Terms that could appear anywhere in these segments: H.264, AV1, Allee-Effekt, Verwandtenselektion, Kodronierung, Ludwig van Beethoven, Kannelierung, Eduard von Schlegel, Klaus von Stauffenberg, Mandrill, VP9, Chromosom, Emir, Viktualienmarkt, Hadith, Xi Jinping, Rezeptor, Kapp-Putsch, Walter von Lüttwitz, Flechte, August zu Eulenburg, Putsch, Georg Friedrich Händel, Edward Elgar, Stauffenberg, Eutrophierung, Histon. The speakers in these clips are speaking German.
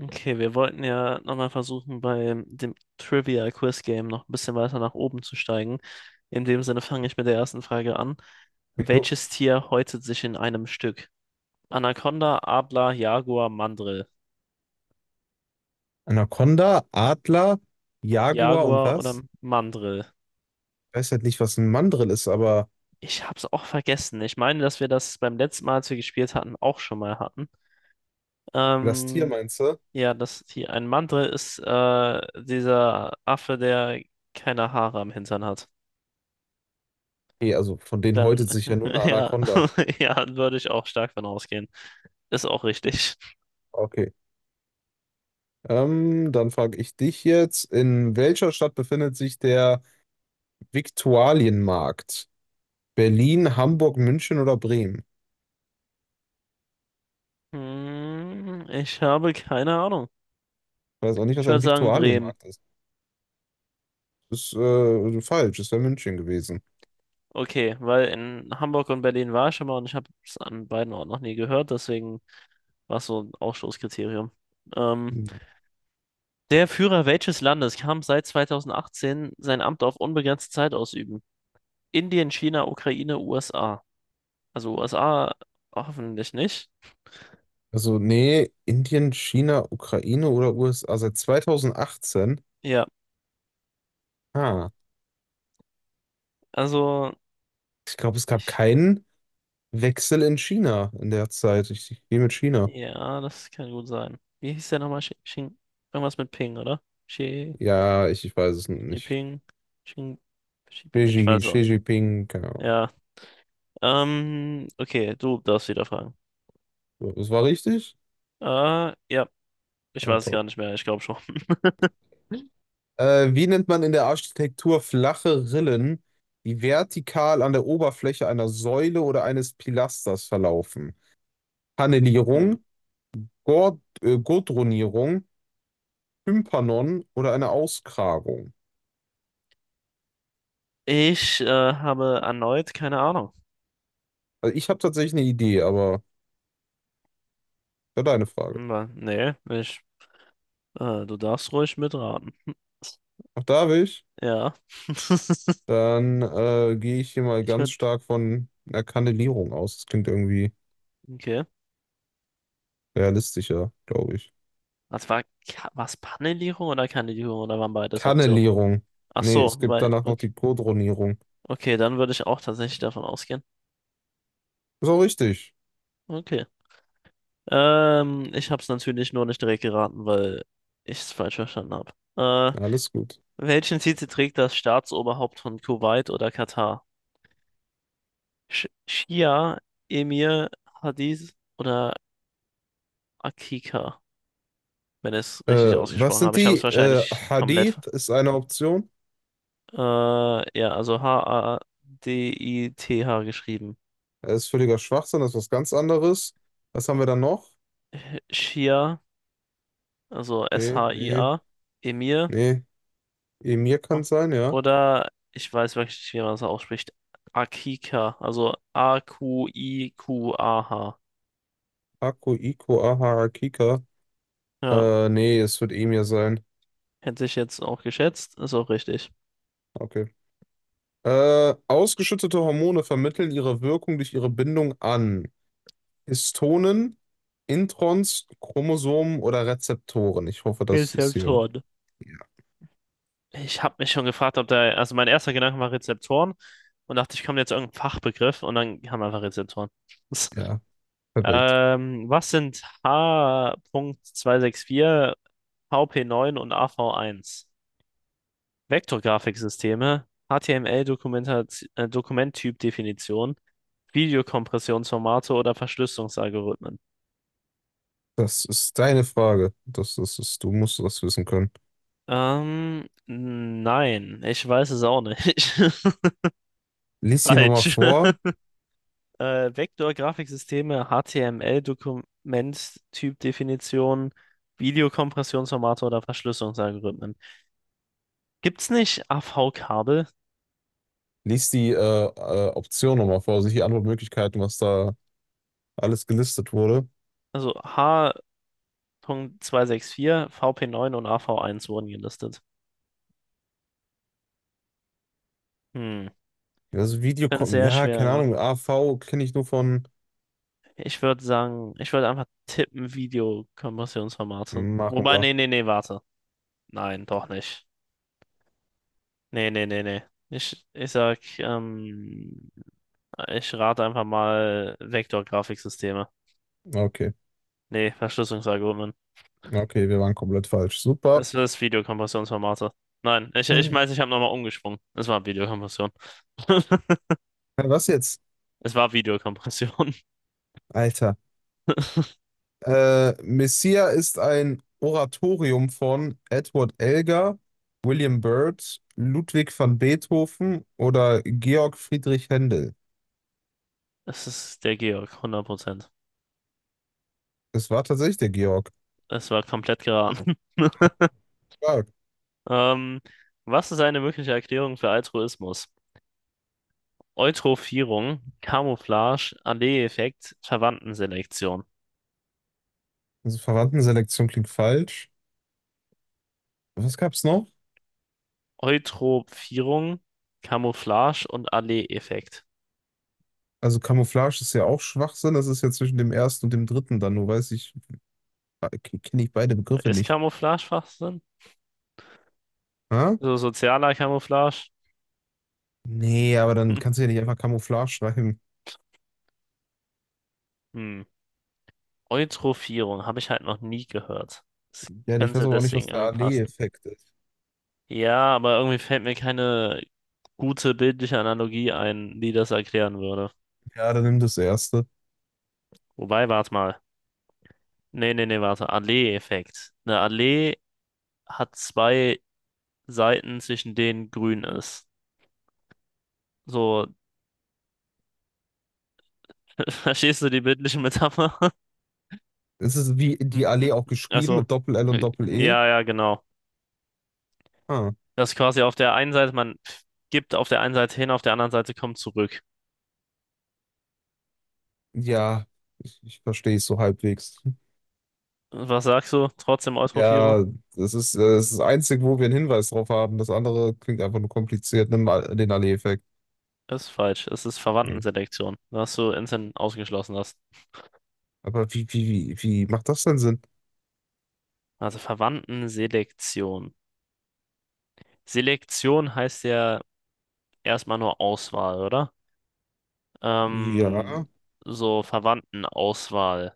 Okay, wir wollten ja nochmal versuchen, bei dem Trivia-Quiz-Game noch ein bisschen weiter nach oben zu steigen. In dem Sinne fange ich mit der ersten Frage an. Jo. Welches Tier häutet sich in einem Stück? Anaconda, Adler, Jaguar, Mandrill. Anaconda, Adler, Jaguar und Jaguar oder was? Mandrill? Ich weiß halt nicht, was ein Mandrill ist, aber Ich hab's auch vergessen. Ich meine, dass wir das beim letzten Mal, als wir gespielt hatten, auch schon mal hatten. das Tier Ähm, meinst du? ja, das hier, ein Mandrill ist dieser Affe, der keine Haare am Hintern hat. Nee, also von denen Dann, häutet sich ja nur eine ja, Anaconda. ja, würde ich auch stark von ausgehen. Ist auch richtig. Okay. Dann frage ich dich jetzt, in welcher Stadt befindet sich der Viktualienmarkt? Berlin, Hamburg, München oder Bremen? Ich Hm, ich habe keine Ahnung. weiß auch nicht, Ich was würde ein sagen Bremen. Viktualienmarkt ist. Das ist falsch, es wäre München gewesen. Okay, weil in Hamburg und Berlin war ich schon mal und ich habe es an beiden Orten noch nie gehört, deswegen war es so ein Ausschlusskriterium. Ähm, der Führer welches Landes kann seit 2018 sein Amt auf unbegrenzte Zeit ausüben? Indien, China, Ukraine, USA. Also USA hoffentlich nicht. Also, nee, Indien, China, Ukraine oder USA seit 2018. Ja, Ah. also. Ich glaube, es gab keinen Wechsel in China in der Zeit. Ich gehe mit China. Ja, das kann gut sein. Wie hieß der nochmal? Xing, irgendwas mit Ping, oder? Xi, Ja, ich weiß es Xi nicht. Ping, Xing, Xi Ping, Xi, ich weiß auch. Xi Jinping, keine Ahnung. Ja, okay, du darfst wieder fragen. So, das war richtig? Ja, ich Ah, weiß es gar top. nicht mehr, ich glaube schon. Wie nennt man in der Architektur flache Rillen, die vertikal an der Oberfläche einer Säule oder eines Pilasters verlaufen? Hm. Kannelierung, Gordronierung, Tympanon oder eine Auskragung? Ich habe erneut keine Ahnung. Also ich habe tatsächlich eine Idee, aber ja, deine Frage. Na, Nee, ich, du darfst ruhig mitraten. Auch da will ich. Ja. Dann gehe ich hier mal Ich ganz würde, stark von einer Kannelierung aus. Das klingt irgendwie okay. realistischer, glaube ich. Was war, Ka- Panelierung oder Kandidierung oder waren beides Optionen? Kannelierung. Ach Nee, so, es gibt weil, danach noch okay. die Kodronierung. Okay, dann würde ich auch tatsächlich davon ausgehen. Ist auch richtig. Okay. Ich habe es natürlich nur nicht direkt geraten, weil ich es falsch verstanden habe. Ja, alles gut. Welchen Titel trägt das Staatsoberhaupt von Kuwait oder Katar? Schia, Emir, Hadith oder Akika, wenn ich es Äh, richtig Was ausgesprochen habe. sind Ich habe es die? Wahrscheinlich komplett. Hadith ist eine Option. Ja, also H-A-D-I-T-H geschrieben. Das ist völliger Schwachsinn, das ist was ganz anderes. Was haben wir dann noch? Schia, also Okay, nee, S-H-I-A, Emir. nee. Emir kann sein, ja. Oder ich weiß wirklich nicht, wie man das ausspricht. Akika, also A-Q-I-Q-A-H. Haku, Iko, Aha, Akika. Ja, Nee, es wird Emir sein. hätte ich jetzt auch geschätzt, ist auch richtig. Okay. Ausgeschüttete Hormone vermitteln ihre Wirkung durch ihre Bindung an Histonen, Introns, Chromosomen oder Rezeptoren. Ich hoffe, das ist hier. Rezeptoren. Ich habe mich schon gefragt, ob da, also mein erster Gedanke war Rezeptoren und dachte, ich komme jetzt irgendein Fachbegriff und dann haben wir einfach Rezeptoren. Ja, perfekt. Was sind h. Punkt zweihundertvierundsechzig, V P neun und A V eins? Vektorgrafiksysteme, HTML-Dokumenttyp-Definition, Videokompressionsformate oder Verschlüsselungsalgorithmen? Das ist deine Frage. Das ist, du musst das wissen können. Nein, ich weiß es auch nicht. Lies die nochmal Falsch. vor. Vektorgrafiksysteme, HTML-Dokument, Typdefinition, Videokompressionsformate oder Verschlüsselungsalgorithmen. Gibt's nicht AV-Kabel? Lies die Option nochmal vor, also die Antwortmöglichkeiten, was da alles gelistet wurde. Also H.264, VP9 und AV1 wurden gelistet. Ich Also Video finde es kommt, sehr ja, schwer, keine ne? Ahnung, AV kenne ich nur von. Ich würde sagen, ich würde einfach tippen, Videokompressionsformate. Machen Wobei, wir. nee, nee, nee, warte. Nein, doch nicht. Nee, nee, nee, nee. Ich sag, ich rate einfach mal Vektorgrafiksysteme. Okay, Nee, Verschlüsselungsalgorithmen. okay, wir waren komplett falsch. Super. Es ist Videokompressionsformate. Nein, ich meine, ich habe nochmal umgesprungen. Es war Videokompression. Was jetzt? Es war Videokompression. Alter. Messia ist ein Oratorium von Edward Elgar, William Byrd, Ludwig van Beethoven oder Georg Friedrich Händel. Es ist der Georg, 100%. Es war tatsächlich der Georg. Es war komplett geraten. Stark. Ähm, was ist eine mögliche Erklärung für Altruismus? Eutrophierung, Camouflage, Allee-Effekt, Verwandtenselektion. Also Verwandtenselektion klingt falsch. Was gab's noch? Eutrophierung, Camouflage und Allee-Effekt. Also Camouflage ist ja auch Schwachsinn. Das ist ja zwischen dem ersten und dem dritten dann. Nur kenne ich beide Begriffe Ist nicht. Camouflage Schwachsinn? Ha? So sozialer Camouflage? Nee, aber dann kannst du ja nicht einfach Camouflage schreiben. Hm. Eutrophierung habe ich halt noch nie gehört. Das Ja, ich weiß könnte aber auch nicht, deswegen was der irgendwie passen. Allee-Effekt ist. Ja, aber irgendwie fällt mir keine gute bildliche Analogie ein, die das erklären würde. Ja, dann nimm das erste. Wobei, warte mal. Nee, nee, nee, warte. Allee-Effekt. Eine Allee hat zwei Seiten, zwischen denen grün ist. So, verstehst du die bildliche Metapher? Es ist wie die Allee Mhm. auch geschrieben Also, mit Doppel-L und Doppel-E. ja, ja, genau. Ah, Das ist quasi auf der einen Seite, man gibt auf der einen Seite hin, auf der anderen Seite kommt zurück. ja, ich verstehe es so halbwegs. Was sagst du? Trotzdem Eutrophierung? Ja, das ist das Einzige, wo wir einen Hinweis drauf haben. Das andere klingt einfach nur kompliziert. Nimm mal den Allee-Effekt. Ist falsch. Es ist Hm. Verwandtenselektion, was du instant ausgeschlossen hast. Aber wie macht das denn Sinn? Also Verwandtenselektion. Selektion heißt ja erstmal nur Auswahl, oder? Ähm, Ja, so Verwandtenauswahl,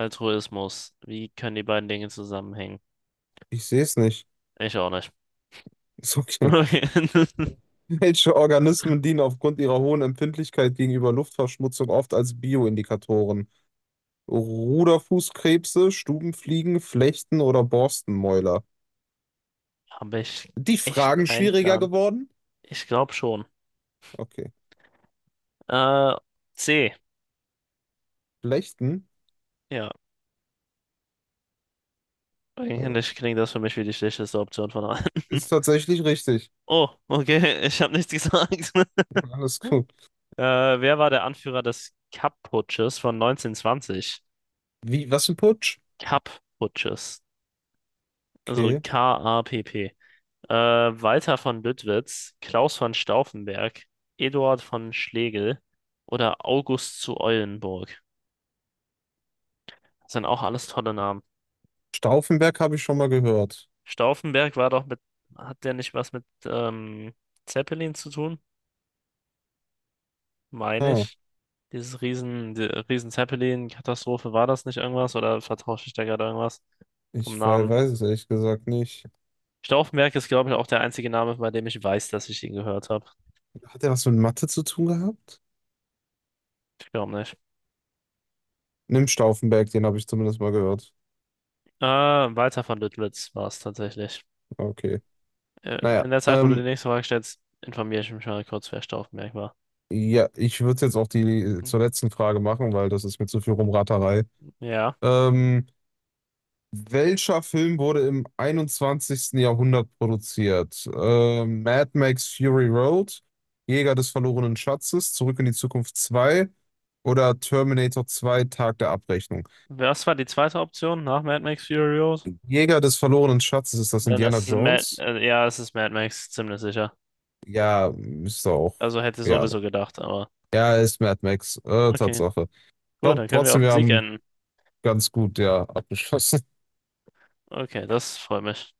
Altruismus. Wie können die beiden Dinge zusammenhängen? ich sehe es nicht. Ich auch nicht. Ist okay. Okay. Welche Organismen dienen aufgrund ihrer hohen Empfindlichkeit gegenüber Luftverschmutzung oft als Bioindikatoren? Ruderfußkrebse, Stubenfliegen, Flechten oder Borstenmäuler? Habe ich Die echt Fragen keinen schwieriger Plan. geworden? Ich glaube schon. Okay. Äh, C. Flechten? Ja, eigentlich Äh, klingt das für mich wie die schlechteste Option von allen. Ist tatsächlich richtig. Oh, okay, ich habe nichts gesagt. Alles gut. Äh, wer war der Anführer des Kapp-Putsches von 1920? Wie, was ein Putsch? Kapp-Putsches. Also Okay. K-A-P-P. Walter von Lüttwitz, Klaus von Stauffenberg, Eduard von Schlegel oder August zu Eulenburg. Das sind auch alles tolle Namen. Stauffenberg habe ich schon mal gehört. Stauffenberg war doch mit, hat der nicht was mit Zeppelin zu tun? Meine Ah, ich. Die Riesen Zeppelin-Katastrophe, war das nicht irgendwas oder vertausche ich da gerade irgendwas vom Namen? weiß es ehrlich gesagt nicht. Stauffenberg ist, glaube ich, auch der einzige Name, bei dem ich weiß, dass ich ihn gehört habe. Hat er was mit Mathe zu tun gehabt? Ich glaube nicht. Nimm Stauffenberg, den habe ich zumindest mal gehört. Walter von Lüttwitz war es tatsächlich. Okay. Naja, In der Zeit, wo du die nächste Frage stellst, informiere ich mich mal kurz, wer Staufenberg war. ja, ich würde jetzt auch die zur letzten Frage machen, weil das ist mir zu viel Rumraterei. Ja. Ähm, Welcher Film wurde im einundzwanzigsten Jahrhundert produziert? Mad Max Fury Road, Jäger des verlorenen Schatzes, Zurück in die Zukunft 2 oder Terminator 2 Tag der Abrechnung? Was war die zweite Option nach Mad Max Fury Road? Jäger des verlorenen Schatzes, ist das Dann Indiana ist es Mad, Jones? Ja, es ist Mad Max, ziemlich sicher. Ja, müsste auch. Also hätte ich Ja, sowieso gedacht, aber ja, ist Mad Max. Okay. Tatsache. Ich Gut, glaube dann können wir auf trotzdem, den wir Sieg haben enden. ganz gut ja abgeschlossen. Okay, das freut mich.